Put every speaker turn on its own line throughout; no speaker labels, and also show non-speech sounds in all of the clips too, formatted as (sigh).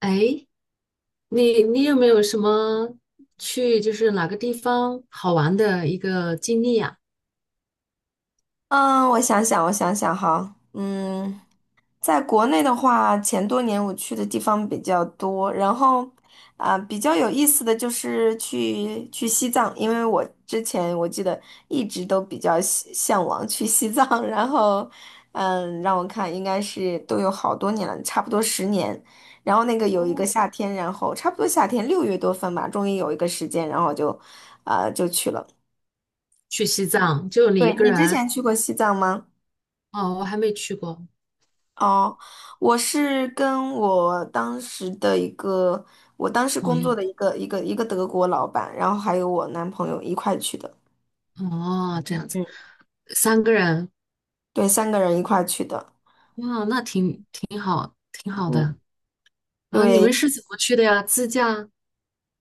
哎，你有没有什么去就是哪个地方好玩的一个经历呀？
嗯，我想想，我想想哈，在国内的话，前多年我去的地方比较多，然后啊、比较有意思的就是去西藏，因为我之前我记得一直都比较向往去西藏。(laughs) 然后让我看应该是都有好多年了，差不多10年。然后那个有一
哦，
个夏天，然后差不多夏天6月多份吧，终于有一个时间，然后就去了。
去西藏，就你一
对，
个
你之
人？
前去过西藏吗？
哦，我还没去过，
哦，我是跟我当时的一个，我当时
朋
工作
友。
的一个德国老板，然后还有我男朋友一块去的。
哦，这样子，
嗯
三个人，
对，三个人一块去的。
哇，那挺好，挺好
嗯，
的。啊，你
对。
们是怎么去的呀？自驾、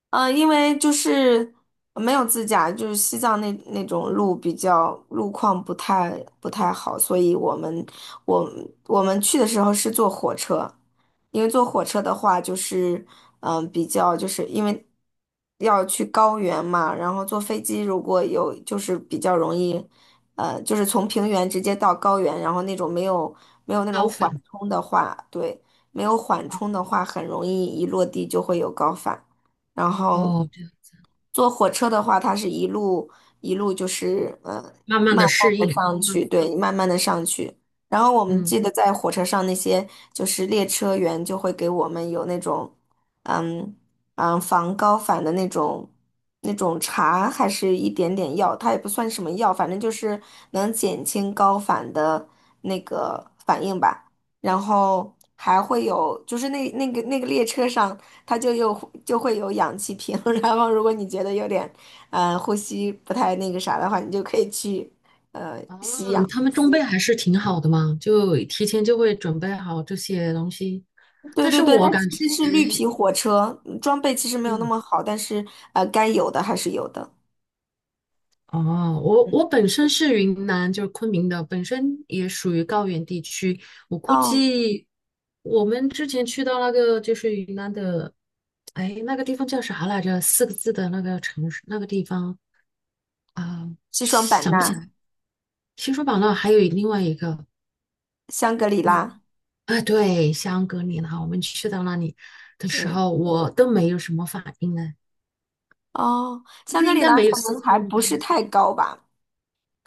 因为就是没有自驾，就是西藏那种路比较路况不太好，所以我我们去的时候是坐火车。因为坐火车的话就是比较就是因为要去高原嘛，然后坐飞机如果有就是比较容易，就是从平原直接到高原，然后那种没有那种
高
缓
反？
冲的话，对，没有缓
哦，
冲的话很容易一落地就会有高反。然后
哦这样，
坐火车的话，它是一路一路就是
慢慢
慢
的
慢
适应。
的上
嗯
去，对，慢慢的上去。然后我们
嗯
记得在火车上那些就是列车员就会给我们有那种嗯防高反的那种茶，还是一点点药，它也不算什么药，反正就是能减轻高反的那个反应吧。然后还会有，就是那个列车上，它就会有氧气瓶。(laughs) 然后如果你觉得有点，呼吸不太那个啥的话，你就可以去。
哦，他们装备还是挺好的嘛，就提前就会准备好这些东西。
对
但
对
是
对，
我
它
感觉，
其实是绿皮火车，装备其实没有那
嗯，
么好，但是该有的还是有的。
哦，我
嗯，
我本身是云南，就是昆明的，本身也属于高原地区。我估
哦，
计我们之前去到那个就是云南的，哎，那个地方叫啥来着？四个字的那个城市，那个地方啊，
西双版
想不起
纳，
来。西双版纳还有另外一个。
香格里拉。
嗯。啊，对，香格里拉，我们去到那里的时
嗯，
候，我都没有什么反应呢，
哦，
就
香
是
格
应
里
该
拉
没有
可
西
能
藏
还
那么
不是
高。
太高吧？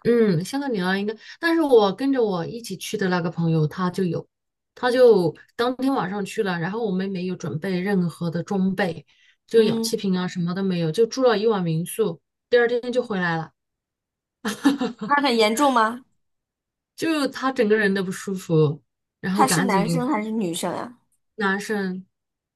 嗯，香格里拉应该，但是我跟着我一起去的那个朋友他就有，他就当天晚上去了，然后我们没有准备任何的装备，就氧气
嗯，
瓶啊什么都没有，就住了一晚民宿，第二天就回来了，
它很严重吗？
就他整个人都不舒服，然后
他是
赶
男生
紧
还是女生呀？
男生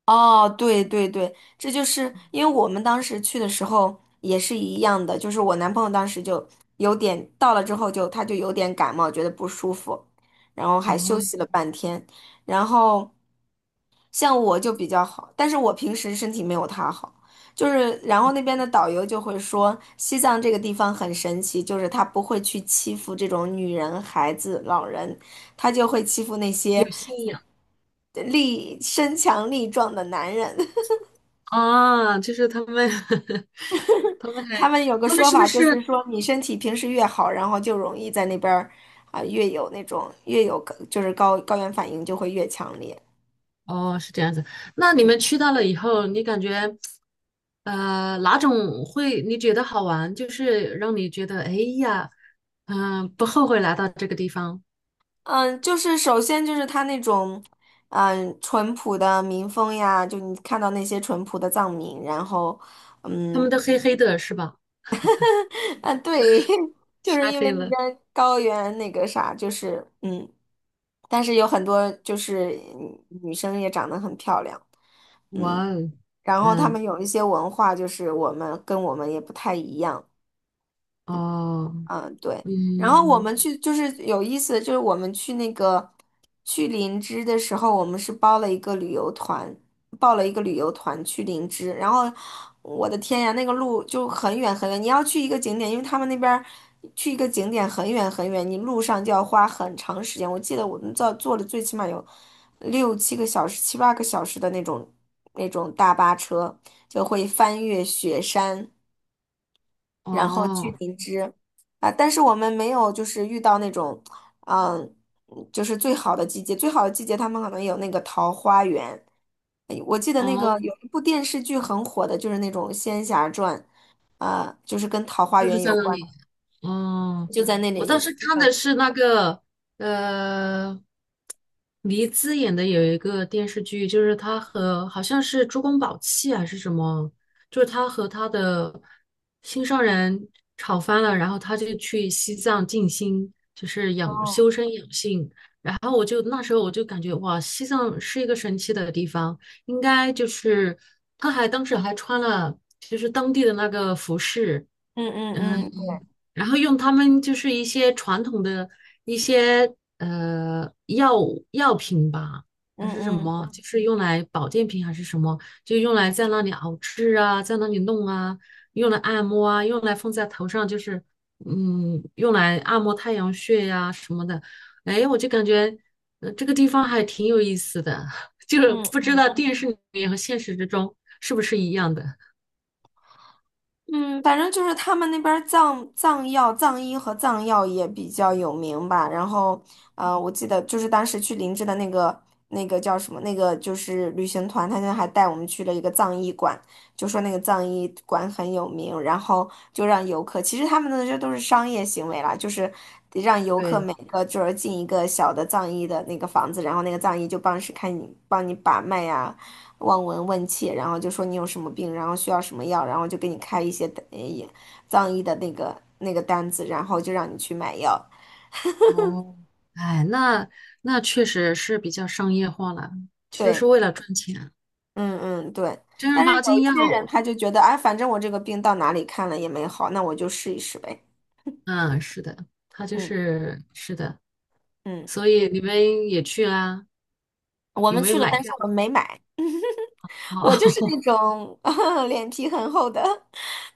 哦，对对对，这就是因为我们当时去的时候也是一样的，就是我男朋友当时就有点到了之后他就有点感冒，觉得不舒服，然后还休息
哦
了半天，然后。像我就比较好，但是我平时身体没有他好，就是然后那边的导游就会说，西藏这个地方很神奇，就是他不会去欺负这种女人、孩子、老人，他就会欺负那
有
些
信仰
身强力壮的男人。
啊，就是他们。(laughs) 他们
他
还，
们有个
他们
说
是不
法，就是
是？
说你身体平时越好，然后就容易在那边儿越有高原反应就会越强烈。
哦，是这样子。那你
嗯
们去到了以后，你感觉，哪种会你觉得好玩？就是让你觉得，哎呀，不后悔来到这个地方。
嗯，就是首先就是他那种淳朴的民风呀，就你看到那些淳朴的藏民，然后
他们
嗯。
都黑黑的，是吧？
啊，对，(laughs) 就是
晒
因为
黑
那
了。
边高原那个啥，就是嗯，但是有很多就是女生也长得很漂亮。嗯，
哇哦，
然后他
嗯，
们有一些文化，就是我们跟我们也不太一样。
哦，
嗯，对。然后我
嗯，
们去就是有意思的，就是我们去那个去林芝的时候，我们是包了一个旅游团，报了一个旅游团去林芝。然后我的天呀，那个路就很远很远，你要去一个景点，因为他们那边儿去一个景点很远很远，你路上就要花很长时间。我记得我们坐的最起码有六七个小时、七八个小时的那种大巴车，就会翻越雪山。然后去
哦，
灵芝啊，但是我们没有就是遇到那种，嗯，就是最好的季节，最好的季节他们可能有那个桃花源。哎，我记得那
哦，
个有一部电视剧很火的，就是那种《仙侠传》，啊，就是跟桃花
就是
源
在
有
那
关，
里。哦，
就在那
我当时
里。
看的是那个呃，黎姿演的有一个电视剧，就是她和好像是珠光宝气还是什么，就是她和她的心上人吵翻了，然后她就去西藏静心，就是养
哦，
修身养性。然后我就那时候我就感觉哇，西藏是一个神奇的地方，应该就是她还当时还穿了就是当地的那个服饰。
嗯
嗯。
嗯嗯
然后用他们就是一些传统的一些药药品吧，
嗯
还是什
嗯
么，就是用来保健品还是什么，就用来在那里熬制啊，在那里弄啊，用来按摩啊，用来放在头上，就是嗯，用来按摩太阳穴呀、什么的。哎，我就感觉这个地方还挺有意思的，(laughs) 就是
嗯。
不知道电视里面和现实之中是不是一样的。
嗯，反正就是他们那边儿藏药、藏医和藏药也比较有名吧。然后，我记得就是当时去林芝的那个叫什么，那个就是旅行团，他就还带我们去了一个藏医馆，就说那个藏医馆很有名，然后就让游客，其实他们那这都是商业行为啦，就是得让游客
对。
每个就是进一个小的藏医的那个房子，然后那个藏医就帮你把脉呀、望闻问切，然后就说你有什么病，然后需要什么药，然后就给你开一些呃也藏医的那个单子，然后就让你去买药。
哦，哎，那确实是比较商业化了，就是
对，
为了赚钱。
嗯嗯对。
正儿
但是有
八经
一
要，
些人他就觉得，哎，反正我这个病到哪里看了也没好，那我就试一试呗。
嗯，是的，他就
嗯
是是的，
嗯，
所以你们也去啊？
我
有
们
没有
去了，
买
但是
票？
我们没买。我就是那
哦，(laughs)
种 (laughs) 脸皮很厚的，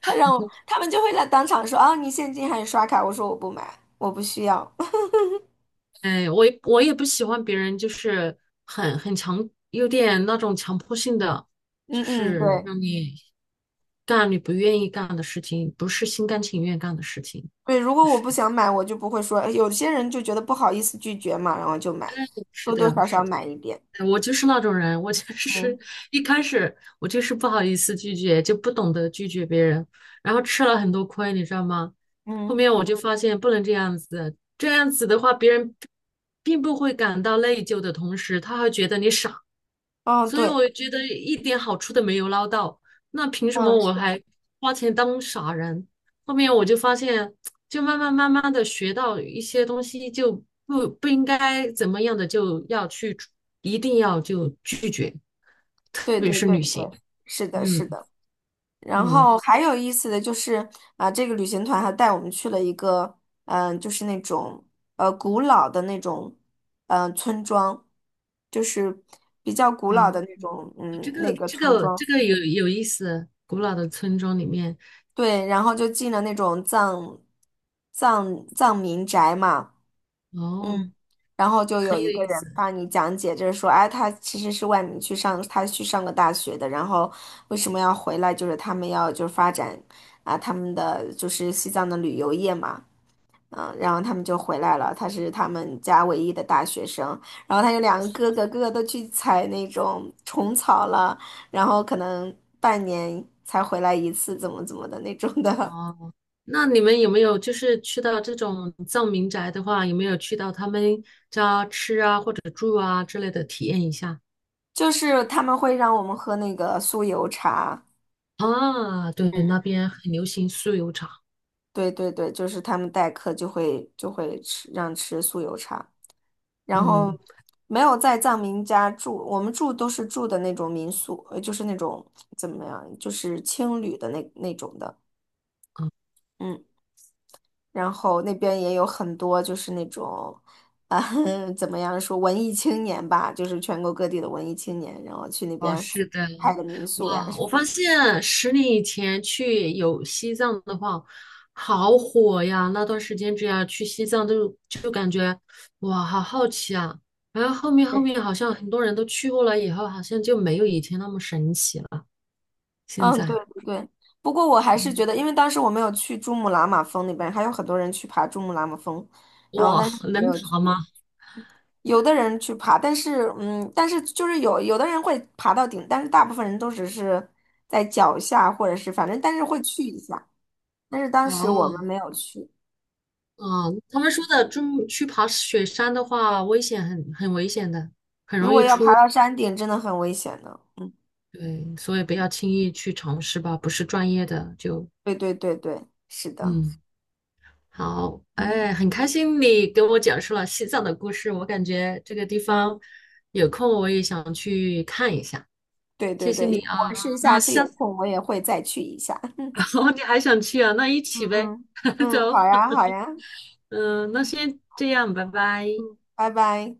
他让我，他们就会在当场说，哦，你现金还是刷卡？我说我不买，我不需要。(laughs)
哎，我也不喜欢别人就是很强，有点那种强迫性的，就
嗯嗯，
是
对。
让你干你不愿意干的事情，不是心甘情愿干的事情。
对，如果我
是
不想买，我就不会说。哎，有些人就觉得不好意思拒绝嘛，然后就买，
是
多多
的，
少少
是的。
买一点。
我就是那种人，我就是
嗯
(laughs) 一开始我就是不好意思拒绝，就不懂得拒绝别人，然后吃了很多亏，你知道吗？后
嗯
面我就发现不能这样子，这样子的话，别人并不会感到内疚的同时，他还觉得你傻，
嗯，
所以
对，
我觉得一点好处都没有捞到，那凭什么
嗯
我
是，
还花钱当傻人？后面我就发现，就慢慢的学到一些东西，就不应该怎么样的就要去，一定要就拒绝，特
对
别
对
是
对
旅行。
对，是的，是
嗯
的。然
嗯
后还有意思的就是这个旅行团还带我们去了一个，就是那种古老的那种，村庄，就是比较古老
啊，
的那种，
这
那
个
个
这
村
个
庄。
这个有意思，古老的村庄里面
对，然后就进了那种藏民宅嘛。嗯，
哦，
然后就有
很
一
有
个
意
人
思
帮你讲解，就是说，哎，他其实是外面去上，他去上个大学的。然后为什么要回来？就是他们要就是发展啊，他们的就是西藏的旅游业嘛。然后他们就回来了，他是他们家唯一的大学生，然后他有两个哥哥，哥哥都去采那种虫草了，然后可能半年才回来一次，怎么怎么的那种的。
哦。那你们有没有就是去到这种藏民宅的话，有没有去到他们家吃啊或者住啊之类的体验一下？
(laughs) 就是他们会让我们喝那个酥油茶。
啊，对，那边很流行酥油茶。
对对对，就是他们待客就会让吃酥油茶，然后
嗯，
没有在藏民家住，我们住都是住的那种民宿，就是那种怎么样，就是青旅的那种的。
啊
嗯，然后那边也有很多就是那种啊 (laughs) 怎么样说文艺青年吧，就是全国各地的文艺青年，然后去那
哦，
边
是的，
开个民宿呀
哇，
什
我
么
发
的。
现十年以前去有西藏的话，好火呀！那段时间只要去西藏都就感觉哇，好好奇啊。然后后面好像很多人都去过了以后，好像就没有以前那么神奇了。现
嗯，对
在。
对对。不过我还是觉得，因为当时我没有去珠穆朗玛峰那边，还有很多人去爬珠穆朗玛峰，然后
哇，
但是我没
能
有去。
爬吗？
有的人去爬，但是就是有的人会爬到顶，但是大部分人都只是在脚下，或者是反正但是会去一下。但是当时我们
哦，
没有去。
啊，他们说的，就去爬雪山的话，危险很危险的，
如果要爬到山顶，真的很危险的。嗯，
对，所以不要轻易去尝试吧，不是专业的就，
对对对对，是的。
嗯，好，
嗯，
哎，很开心你给我讲述了西藏的故事，我感觉这个地方有空我也想去看一下，
对对
谢谢
对，
你啊，
我是下
那
次
下
有
次
空我也会再去一下。
(laughs) 哦，你还想去啊？那一
嗯
起
嗯，
呗，(laughs)
嗯，好
走，
呀好呀。
嗯，那先这样，拜拜。
嗯，拜拜。